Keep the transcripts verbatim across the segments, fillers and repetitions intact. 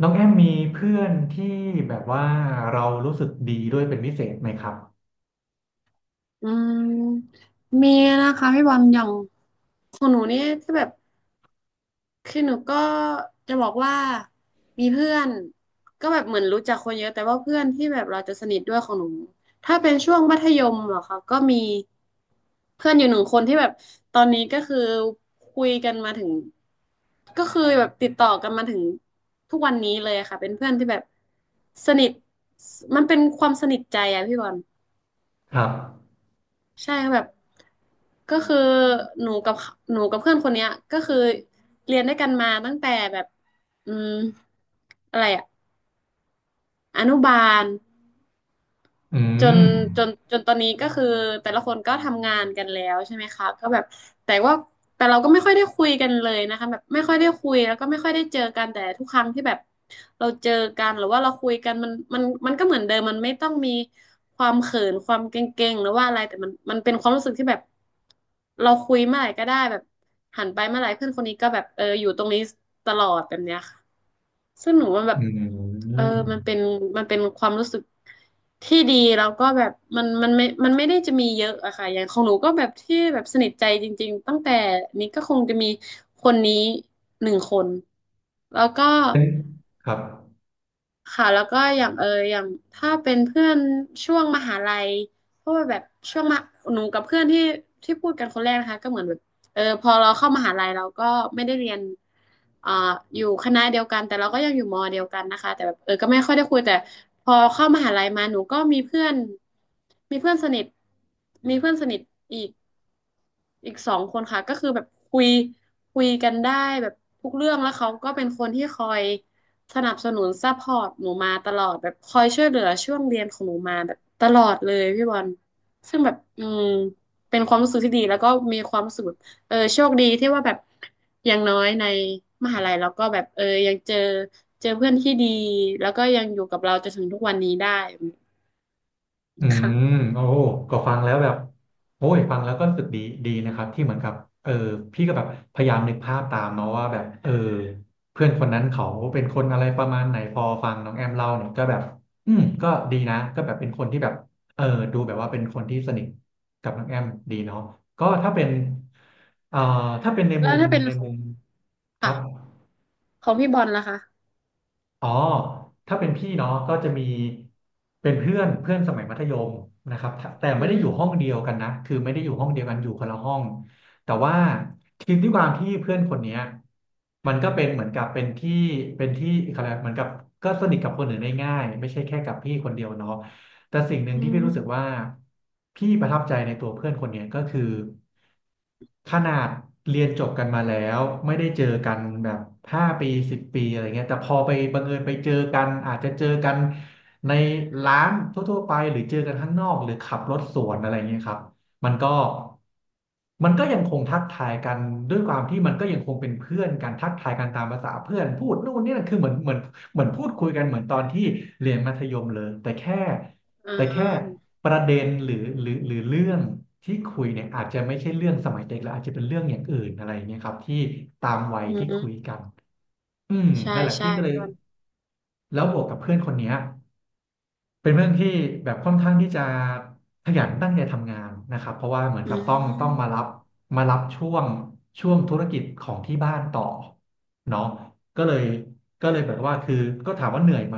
น้องแอมมีเพื่อนที่แบบว่าเรารู้สึกดีด้วยเป็นพิเศษไหมครับอืมมีนะคะพี่บอลอย่างของหนูนี่ก็แบบคือหนูก็จะบอกว่ามีเพื่อนก็แบบเหมือนรู้จักคนเยอะแต่ว่าเพื่อนที่แบบเราจะสนิทด้วยของหนูถ้าเป็นช่วงมัธยมเหรอคะก็มีเพื่อนอยู่หนึ่งคนที่แบบตอนนี้ก็คือคุยกันมาถึงก็คือแบบติดต่อกันมาถึงทุกวันนี้เลยค่ะเป็นเพื่อนที่แบบสนิทมันเป็นความสนิทใจอะพี่บอล ครับใช่แบบก็คือหนูกับเหนูกับเพื่อนคนเนี้ยก็คือเรียนด้วยกันมาตั้งแต่แบบอืมอะไรอะอนุบาล อืจนมจนจนตอนนี้ก็คือแต่ละคนก็ทำงานกันแล้วใช่ไหมคะก็แบบแต่ว่าแต่เราก็ไม่ค่อยได้คุยกันเลยนะคะแบบไม่ค่อยได้คุยแล้วก็ไม่ค่อยได้เจอกันแต่ทุกครั้งที่แบบเราเจอกันหรือว่าเราคุยกันมันมันมันก็เหมือนเดิมมันไม่ต้องมีความเขินความเกรงๆหรือว่าอะไรแต่มันมันเป็นความรู้สึกที่แบบเราคุยเมื่อไหร่ก็ได้แบบหันไปเมื่อไหร่เพื่อนคนนี้ก็แบบเอออยู่ตรงนี้ตลอดแบบเนี้ยค่ะ ซึ่งหนูมันแบบอืเออมมันเป็นมันเป็นความรู้สึกที่ดีแล้วก็แบบมันมันไม่มันไม่ได้จะมีเยอะอะค่ะอย่างของหนูก็แบบที่แบบสนิทใจจริงๆตั้งแต่นี้ก็คงจะมีคนนี้หนึ่งคนแล้วก็ เป็นครับ ค่ะแล้วก็อย่างเอออย่างถ้าเป็นเพื่อนช่วงมหาลัยเพราะว่าแบบช่วงมหาหนูกับเพื่อนที่ที่พูดกันคนแรกนะคะก็เหมือนแบบเออพอเราเข้ามหาลัยเราก็ไม่ได้เรียนอ่าอยู่คณะเดียวกันแต่เราก็ยังอยู่มอเดียวกันนะคะแต่แบบเออก็ไม่ค่อยได้คุยแต่พอเข้ามหาลัยมาหนูก็มีเพื่อนมีเพื่อนสนิทมีเพื่อนสนิทอีก อีกสองคนค่ะก็คือแบบคุยคุยกันได้แบบทุกเรื่องแล้วเขาก็เป็นคนที่คอยสนับสนุนซัพพอร์ตหนูมาตลอดแบบคอยช่วยเหลือช่วงเรียนของหนูมาแบบตลอดเลยพี่บอลซึ่งแบบอืมเป็นความรู้สึกที่ดีแล้วก็มีความรู้สึกแบบเออโชคดีที่ว่าแบบอย่างน้อยในมหาลัยแล้วก็แบบเออยังเจอเจอเพื่อนที่ดีแล้วก็ยังอยู่กับเราจนถึงทุกวันนี้ได้อืมค่ะโอ้ก็ฟังแล้วแบบโอ้ยฟังแล้วก็รู้สึกดีดีนะครับที่เหมือนกับเออพี่ก็แบบพยายามนึกภาพตามเนาะว่าแบบเออเพื่อนคนนั้นเขาเป็นคนอะไรประมาณไหนพอฟังน้องแอมเล่าเนี่ยก็แบบอืมก็ดีนะก็แบบเป็นคนที่แบบเออดูแบบว่าเป็นคนที่สนิทกับน้องแอมดีเนาะก็ถ้าเป็นเอ่อถ้าเป็นในแล้มุวมถ้าเป็นในขอมุงมครัค่ะบ ของพี่บอลล่ะคะอ๋อถ้าเป็นพี่เนาะก็จะมีเป็นเพื่อนเพื่อนสมัยมัธยมนะครับแต่อืไม่ได้มอยู่ห้องเดียวกันนะคือไม่ได้อยู่ห้องเดียวกันอยู่คนละห้อง แต่ว่าทีมที่ความที่เพื่อนคนเนี้ยมันก็เป็นเหมือนกับเป็นที่เป็นที่อะไรยกเหมือนกับก็สนิทกับคนอื่นได้ง่ายไม่ใช่แค่กับพี่คนเดียวเนาะ แต่สิ่งหนึ่งอืที่พี่รู้สึกว่าม พี่ประทับใจในตัวเพื่อนคนเนี้ยก็คือขนาดเรียนจบกันมาแล้วไม่ได้เจอกันแบบห้าปีสิบปีอะไรเงี้ยแต่พอไปบังเอิญไปเจอกันอาจจะเจอกันในร้านทั่วๆไปหรือเจอกันข้างนอกหรือขับรถสวนอะไรเงี้ยครับมันก็มันก็ยังคงทักทายกันด้วยความที่มันก็ยังคงเป็นเพื่อนกันทักทายกันตามภาษาเพื่อนพูดนู่นนี่นั่นคือเหมือนเหมือนเหมือนพูดคุยกันเหมือนตอนที่เรียนมัธยมเลยแต่แค่ อ่แต่แค่าประเด็นหรือหรือหรือเรื่องที่คุยเนี่ยอาจจะไม่ใช่เรื่องสมัยเด็กแล้วอาจจะเป็นเรื่องอย่างอื่นอะไรอย่างเงี้ยครับที่ตามวัยอืที่คุยม กันอืมใช่นั่นแหละใช่พี่ก็เลยพี่บอลแล้วบวกกับเพื่อนคนเนี้ย เป็นเรื่องที่แบบค่อนข้างที่จะขยันตั้งใจทำงานนะครับเพราะว่าเหมือนอืกับต้องต้องมารัม บมารับช่วงช่วงธุรกิจของที่บ้านต่อเนาะก็เลยก็เลยแบบว่าคือก็ถามว่าเหนื่อยไหม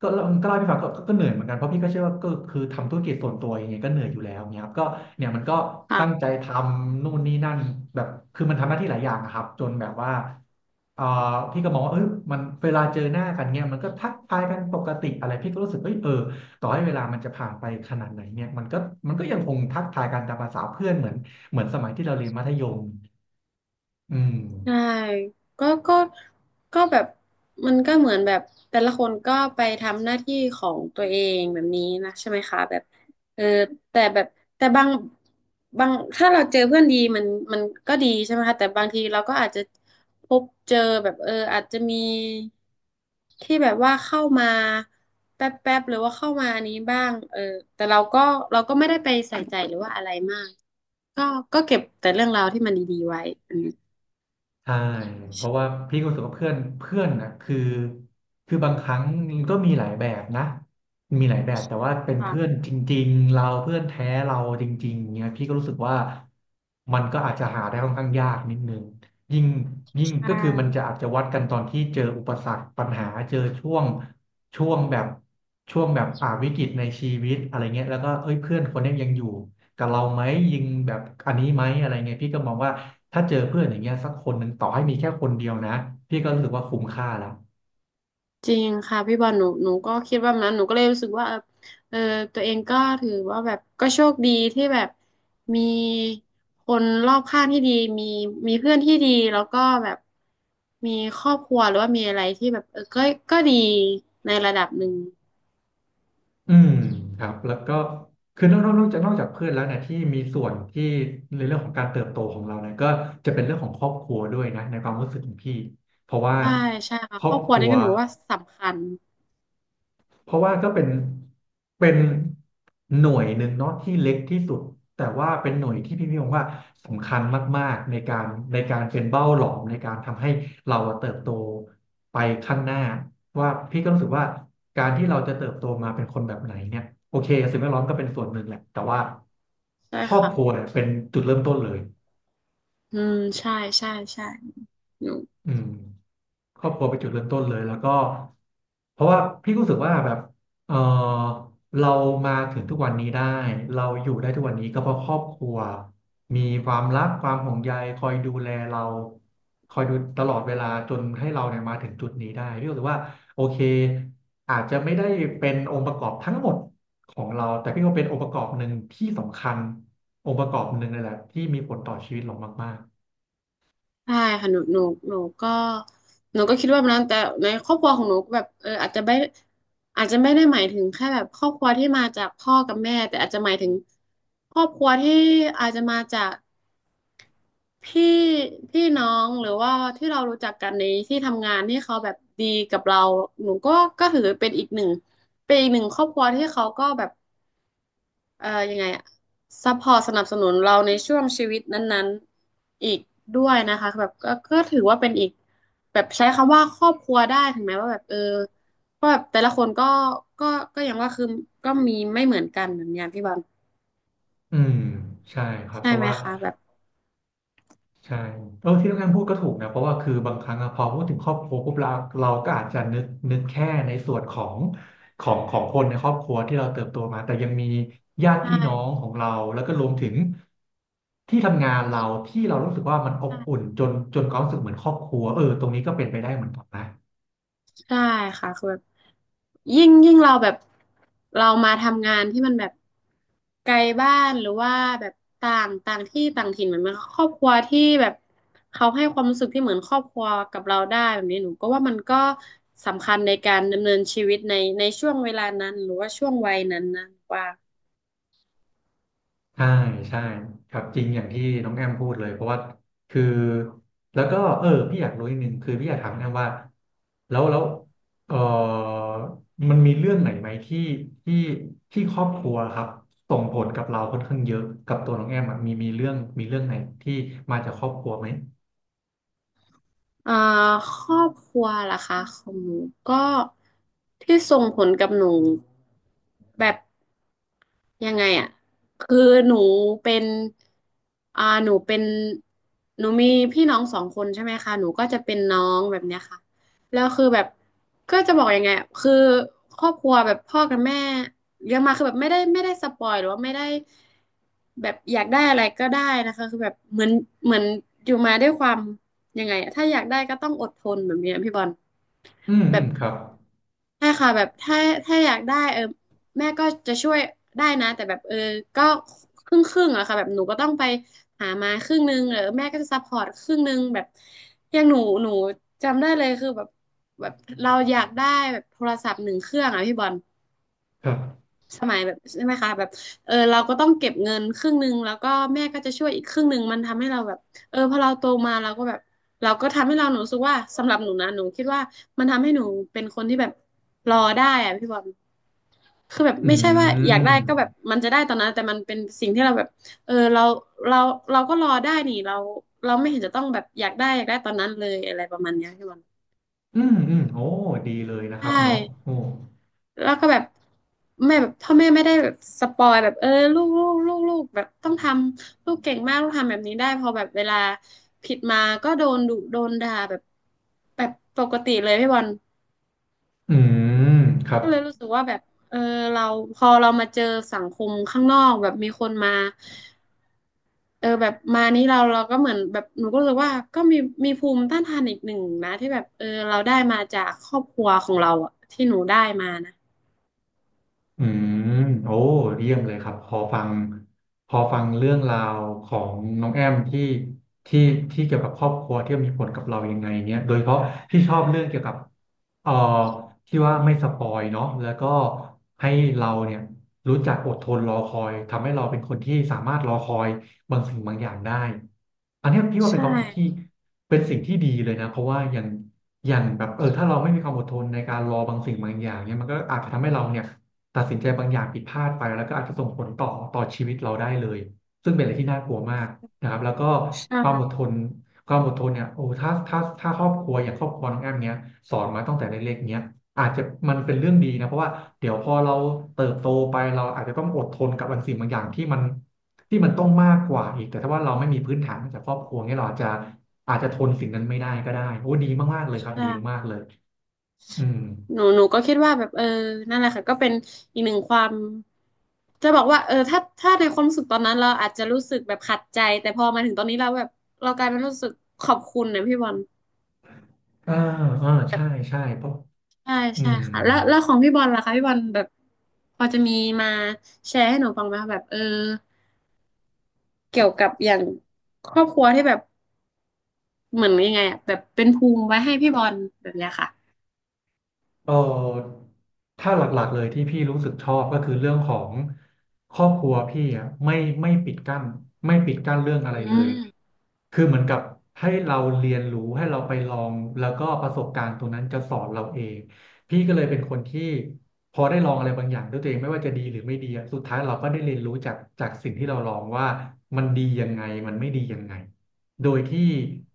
ก็ก็เล่าให้พี่ฟังก็ก็ก็เหนื่อยเหมือนกันเพราะพี่ก็เชื่อว่าก็คือทำธุรกิจส่วนตัวยังไงก็เหนื่อยอยู่แล้วเนี่ยครับก็เนี่ยมันก็ตั้งใจค่ะ ทำนู่นนี่นั่นแบบคือมันทำหน้าที่หลายอย่างอะครับจนแบบว่า เอ่อพี่ก็มองว่าเอยมันเวลาเจอหน้ากันเนี่ยมันก็ทักทายกันปกติอะไร พี่ก็รู้สึกเอ้ยเออต่อให้เวลามันจะผ่านไปขนาดไหนเนี่ยมันก็มันก็ยังคงทักทายกันตามภาษาเพื่อนเหมือน เหมือนสมัยที่เราเรียนมัธยมอืม ใช่ก็ก็ก็แบบมันก็เหมือนแบบแต่ละคนก็ไปทำหน้าที่ของตัวเองแบบนี้นะใช่ไหมคะแบบเออแต่แบบแต่บางบางถ้าเราเจอเพื่อนดีมันมันก็ดีใช่ไหมคะแต่บางทีเราก็อาจจะพบเจอแบบเอออาจจะมีที่แบบว่าเข้ามาแป๊บแป๊บหรือว่าเข้ามาอันนี้บ้างเออแต่เราก็เราก็ไม่ได้ไปใส่ใจหรือว่าอะไรมากก็ก็เก็บแต่เรื่องราวที่มันดีๆไว้อืม ใช่เพราะว่าพี่ก็รู้สึกว่าเพื่อนเพื่อนนะคือคือบางครั้งมันก็มีหลายแบบนะมีหลายแบบแต่ว่าเป็นเพื่อนจริงๆเราเพื่อนแท้เราจริงๆเนี่ยพี่ก็รู้สึกว่ามันก็อาจจะหาได้ค่อนข้างยากนิดนึงยิ่งยิ่งก็อ่าคือมันจะอาจจะวัดกันตอนที่เจออุปสรรคปัญหาเจอช่วงช่วงแบบช่วงแบบอ่าวิกฤตในชีวิตอะไรเงี้ยแล้วก็เอ้ยเพื่อนคนเนี้ยยังอยู่กับเราไหมยิงแบบอันนี้ไหมอะไรเงี้ยพี่ก็มองว่า ถ้าเจอเพื่อนอย่างเงี้ยสักคนหนึ่งต่อให้มีแค่คนเดียวนะพี่ก็รู้สึกว่าคุ้มค่าแล้วจริงค่ะพี่บอลหนูหนูก็คิดว่าแบบนั้นหนูก็เลยรู้สึกว่าเออเออตัวเองก็ถือว่าแบบก็โชคดีที่แบบมีคนรอบข้างที่ดีมีมีเพื่อนที่ดีแล้วก็แบบมีครอบครัวหรือว่ามีอะไรที่แบบเออก็ก็ดีในระดับหนึ่งอืมครับแล้วก็คือนอกนอกนอกจากนอกจากเพื่อนแล้วเนี่ยที่มีส่วนที่ในเรื่องของการเติบโตของเราเนี่ยก็จะเป็นเรื่องของครอบครัวด้วยนะในความรู้สึกของพี่เพราะว่าใช่ใช่ค่ะครคอรบอบคครัวรันี่ว ก็หนูว่าสำคัญเพราะว่าก็เป็นเป็นหน่วยหนึ่งเนาะที่เล็กที่สุดแต่ว่าเป็นหน่วยที่พี่พี่มองว่าสำคัญมากๆในการในการเป็นเบ้าหลอมในการทำให้เราอะเติบโตไปข้างหน้าว่าพี่ก็รู้สึกว่าการที่เราจะเติบโตมาเป็นคนแบบไหนเนี่ยโอเคสิ่งแวดล้อมก็เป็นส่วนหนึ่งแหละแต่ว่าใช่ครอบค่ะครัวเนี่ยเป็นจุดเริ่มต้นเลยอืมใช่ใช่ใช่หนู อืม ครอบครัวเป็นจุดเริ่มต้นเลยแล้วก็เพราะว่าพี่ก็รู้สึกว่าแบบเออเรามาถึงทุกวันนี้ได้เราอยู่ได้ทุกวันนี้ก็เพราะครอบครัวมีความรักความห่วงใยคอยดูแลเราคอยดูตลอดเวลาจนให้เราเนี่ยมาถึงจุดนี้ได้พี่รู้สึกว่าโอเคอาจจะไม่ได้เป็นองค์ประกอบทั้งหมดของเราแต่พี่ว่าเป็นองค์ประกอบหนึ่งที่สำคัญองค์ประกอบหนึ่งเลยแหละที่มีผลต่อชีวิตเรามากใช่ค่ะหนูหนูหนูก็หนูก็คิดว่าแบบนั้นแต่ในครอบครัวของหนูก็แบบเอออาจจะไม่อาจจะไม่ได้หมายถึงแค่แบบครอบครัวที่มาจากพ่อกับแม่แต่อาจจะหมายถึงครอบครัวที่อาจจะมาจากพี่พี่น้องหรือว่าที่เรารู้จักกันในที่ทำงานที่เขาแบบดีกับเราหนูก็ก็ถือเป็นอีกหนึ่งเป็นอีกหนึ่งครอบครัวที่เขาก็แบบ เอ่อยังไงอะซัพพอร์ตสนับสนุนเราในช่วงชีวิตนั้นๆอีกด้วยนะคะแบบก็ก็ถือว่าเป็นอีกแบบใช้คำว่าครอบครัวได้ถึงแม้ว่าแบบเออก็แบบแต่ละคนก็ก็ก็อย่างว่าคือก็มีไม่เหมือนกันเหมือนอย่างที่บอลๆอืมใช่ครับใช่เพราะไหมว่า คะแบบใช่เออที่นุกง่านพูดก็ถูกนะเพราะว่าคือบางครั้งอะพอพูดถึงครอบครัวปุ๊บเราเราก็อาจจะนึกนึกแค่ในส่วนของของของคนในครอบครัวที่เราเติบโตมาแต่ยังมีญาติใชพี่น้อง่ของเราแล้วก็รวมถึงที่ทำงานเราที่เรารู้สึกว่ามันอบอุ่ใช่นจนจนความรู้สึกเหมือนครอบครัวเออตรงนี้ก็เป็นไปได้เหมือนกันนะ ใช่ค่ะคือแบบ ยิ่งยิ่งเราแบบเรามาทำงานที่มันแบบไกลบ้านหรือว่าแบบต่างต่างที่ต่างถิ่นเหมือนมันครอบครัวที่แบบเขาให้ความรู้สึกที่เหมือนครอบครัวกับเราได้แบบนี้หนูก็ว่ามันก็สำคัญในการดำเนินชีวิตในในช่วงเวลานั้นหรือว่าช่วงวัยนั้นนะว่าใช่ใช่ครับจริงอย่างที่น้องแอมพูดเลยเพราะว่าคือแล้วก็เออพี่อยากรู้อีิหนึงคือพี่อยากถามน้องแอมว่าแล้วแล้วเออมันมีเรื่องไหนไหมที่ที่ที่ครอบครัวครับส่งผลกับเราค่อนข้างเยอะกับตัวน้องแอมอะมีมีเรื่องมีเรื่องไหนที่มาจากครอบครัวไหมอ่าครอบครัวล่ะคะของหนูก็ที่ส่งผลกับหนูแบบ ยังไงอ่ะคือหนูเป็นอ่าหนูเป็นหนูมีพี่น้องสองคนใช่ไหมคะ หนูก็จะเป็นน้องแบบเนี้ยค่ะแล้วคือแบบก็จะบอกยังไงอะคือครอบครัวแบบพ่อกับแม่เลี้ยงมาคือแบบไม่ได้ไม่ได้สปอยหรือว่าไม่ได้แบบอยากได้อะไรก็ได้นะคะคือแบบเหมือนเหมือนอยู่มาด้วยความยังไงอะถ้าอยากได้ก็ต้องอดทนแบบเนี้ยพี่บอลอืมอืแบบ มครับใช่ค่ะแบบถ้าถ้าอยากได้เออแม่ก็จะช่วยได้นะแต่แบบเออก็ครึ่งครึ่งอะค่ะแบบหนูก็ต้องไปหามาครึ่งนึงเออแม่ก็จะซัพพอร์ตครึ่งนึงแบบอย่างหนูหนูจำได้เลยคือแบบแบบเราอยากได้แบบโทรศัพท์หนึ่งเครื่องอะพี่บอล ครับสมัยแบบใช่ไหมคะแบบเออเราก็ต้องเก็บเงินครึ่งหนึ่งแล้วก็แม่ก็จะช่วยอีกครึ่งหนึ่งมันทำให้เราแบบเออพอเราโตมาเราก็แบบเราก็ทำให้เราหนูรู้สึกว่าสำหรับหนูนะหนูคิดว่ามันทำให้หนูเป็นคนที่แบบรอได้อะพี่บอลคือแบบอืไม่ใช่ว่าอยากได้ก็แบบมมันจะได้ตอนนั้นแต่มันเป็นสิ่งที่เราแบบเออเราเราเราก็รอได้นี่เราเราไม่เห็นจะต้องแบบอยากได้อยากได้ตอนนั้นเลยอะไรประมาณเนี้ยพี่บอลอืมอืมโอ้ดีเลยนะครับใช่ เนาะโอ้แล้วก็แบบแม่แบบพ่อแม่ไม่ได้แบบสปอยแบบเออลูกลูกลูกลูกแบบต้องทำลูกเก่งมากลูกทำแบบนี้ได้พอแบบเวลาผิดมาก็โดนดุโดนด่าแบบแบบปกติเลยพี่บอลอืมครับ ก็เลยรู้สึกว่าแบบเออเราพอเรามาเจอสังคมข้างนอกแบบมีคนมาเออแบบมานี้เราเราก็เหมือนแบบหนูก็รู้สึกว่าก็มีมีภูมิต้านทานอีกหนึ่งนะที่แบบเออเราได้มาจากครอบครัวของเราอะที่หนูได้มานะอืมโอ้เยี่ยมเลยครับพอฟังพอฟังเรื่องราวของน้องแอมที่ที่ที่เกี่ยวกับครอบครัวที่มีผลกับเรายังไงเนี้ยโดยเฉพาะที่ชอบเรื่องเกี่ยวกับเอ่อที่ว่าไม่สปอยเนาะแล้วก็ให้เราเนี่ยรู้จักอดทนรอคอยทำให้เราเป็นคนที่สามารถรอคอยบางสิ่งบางอย่างได้อันเนี้ยพี่ว่าเป็นใช่ความรู้สึกที่เป็นสิ่งที่ดีเลยนะเพราะว่าอย่างอย่างแบบเออถ้าเราไม่มีความอดทนในการรอบางสิ่งบางอย่างเนี่ยมันก็อาจจะทำให้เราเนี่ย ตัดสินใจบางอย่างผิดพลาดไปแล้วก็อาจจะส่งผลต่อต่อชีวิตเราได้เลยซึ่งเป็นอะไรที่น่ากลัวมากนะครับแล้วก็ใช่ ความอดทนความอดทนเนี่ยโอ้ถ้าถ้าถ้าครอบครัวอย่างครอบครัวน้องแอมเนี้ยสอนมาตั้งแต่เล็กๆเนี้ยอาจจะมันเป็นเรื่องดีนะเพราะว่าเดี๋ยวพอเราเติบโตไปเราอาจจะต้องอดทนกับบางสิ่งบางอย่างที่มันที่มันต้องมากกว่าอีกแต่ถ้าว่าเราไม่มีพื้นฐานมาจากครอบครัวเนี้ยเราอาจจะอาจจะทนสิ่งนั้นไม่ได้ก็ได้โอ้ดีมากๆเลยครับใช่ดีมากๆเลยอืมหนูหนูก็คิดว่าแบบเออนั่นแหละค่ะก็เป็นอีกหนึ่งความจะบอกว่าเออถ้าถ้าในความรู้สึกตอนนั้นเราอาจจะรู้สึกแบบขัดใจแต่พอมาถึงตอนนี้เราแบบเรากลายเป็นรู้สึกขอบคุณนะพี่บอลอ่าอ่าใช่ใช่เพราะใช่อืใช่ม ค่ะแล้วแล้วของพี่บอลล่ะคะพี่บอลแบบพอจะมีมาแชร์ให้หนูฟังไหมคะแบบเออเกี่ยวกับอย่างครอบครัวที่แบบเหมือนยังไงอะแบบเป็นภูมิไว้ให้พี่บอลแบบเนี้ยค่ะเออถ้าหลักๆเลยที่พี่รู้สึกชอบก็คือเรื่องของครอบครัวพี่อ่ะไม่ไม่ปิดกั้นไม่ปิดกั้นเรื่องอะอืไรเลยมคือเหมือนกับให้เราเรียนรู้ให้เราไปลองแล้วก็ประสบการณ์ตรงนั้นจะสอนเราเองพี่ก็เลยเป็นคนที่พอได้ลองอะไรบางอย่างด้วยตัวเองไม่ว่าจะดีหรือไม่ดีอะสุดท้ายเราก็ได้เรียนรู้จากจากสิ่งที่เราลองว่ามันดียังไงมันไม่ดียังไง โดยที่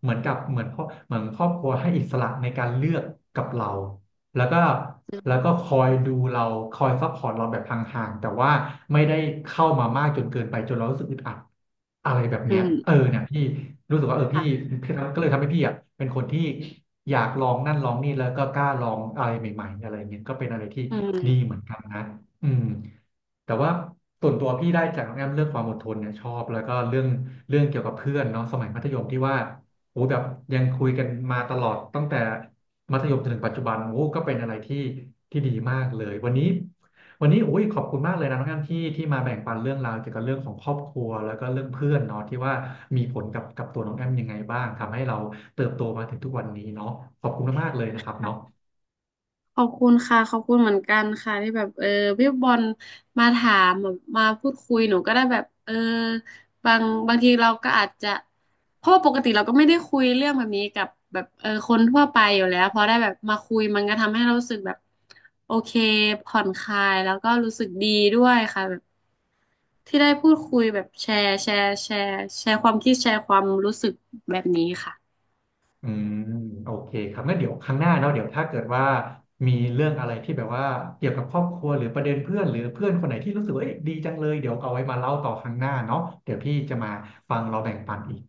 เหมือนกับเหมือนพ่อเหมือนครอบครัวให้อิสระในการเลือกกับเราแล้วก็แล้วก็คอยดูเราคอยซัพพอร์ตเราแบบห่างๆแต่ว่าไม่ได้เข้ามามากจนเกินไปจนเรารู้สึกอึดอัดอะไรแบบอืเนี้ยเออมเนี่ยพี่รู้สึกว่าเออพี่ค่ะพี่ก็เลยทำให้พี่อ่ะเป็นคนที่อยากลองนั่นลองนี่แล้วก็กล้าลองอะไรใหม่ๆอะไรเงี้ยก็เป็นอะไรที่อืดีเหม มือนกันนะอืม แต่ว่าส่วนตัวพี่ได้จากน้องแอมเรื่องความอดทนเนี่ยชอบแล้วก็เรื่องเรื่องเกี่ยวกับเพื่อนเนาะสมัยมัธยมที่ว่าโอ้แบบยังคุยกันมาตลอดตั้งแต่มัธยมจนถึงปัจจุบันโอ้ก็เป็นอะไรที่ที่ดีมากเลยวันนี้วันนี้โอ้ยขอบคุณมากเลยนะน้องแอมที่ที่มาแบ่งปันเรื่องราวเกี่ยวกับเรื่องของครอบครัวแล้วก็เรื่องเพื่อนเนาะที่ว่ามีผลกับกับตัวน้องแอมยังไงบ้างทำให้เราเติบโตมาถึงทุกวันนี้เนาะขอบคุณมากๆเลยนะครับเนาะ ขอบคุณค่ะขอบคุณเหมือนกันค่ะที่แบบเออพี่บอลมาถามแบบมาพูดคุยหนูก็ได้แบบเออบางบางทีเราก็อาจจะเพราะว่าปกติเราก็ไม่ได้คุยเรื่องแบบนี้กับแบบเออคนทั่วไปอยู่แล้วพอได้แบบมาคุยมันก็ทำให้เรารู้สึกแบบโอเคผ่อนคลายแล้วก็รู้สึกดีด้วยค่ะแบบที่ได้พูดคุยแบบแชร์แชร์แชร์แชร์ความคิดแชร์ความรู้สึกแบบนี้ค่ะอืมโอเคครับงั้นเดี๋ยวครั้งหน้าเนาะเดี๋ยวถ้าเกิดว่ามีเรื่องอะไรที่แบบว่าเกี่ยวกับครอบครัวหรือประเด็นเพื่อนหรือเพื่อนคนไหนที่รู้สึกว่าเอ้ยดีจังเลยเดี๋ยวเอาไว้มาเล่าต่อครั้งหน้าเนาะเดี๋ยวพี่จะมาฟังเราแบ่งปันอีก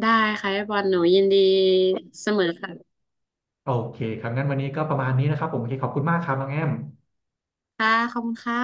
ได้ค่ะพี่บอลหนูยินดีเสมอค่ะโอเคครับงั้นวันนี้ก็ประมาณนี้นะครับผมโอเคขอบคุณมากครับน้องแอมค่ะขอบคุณค่ะ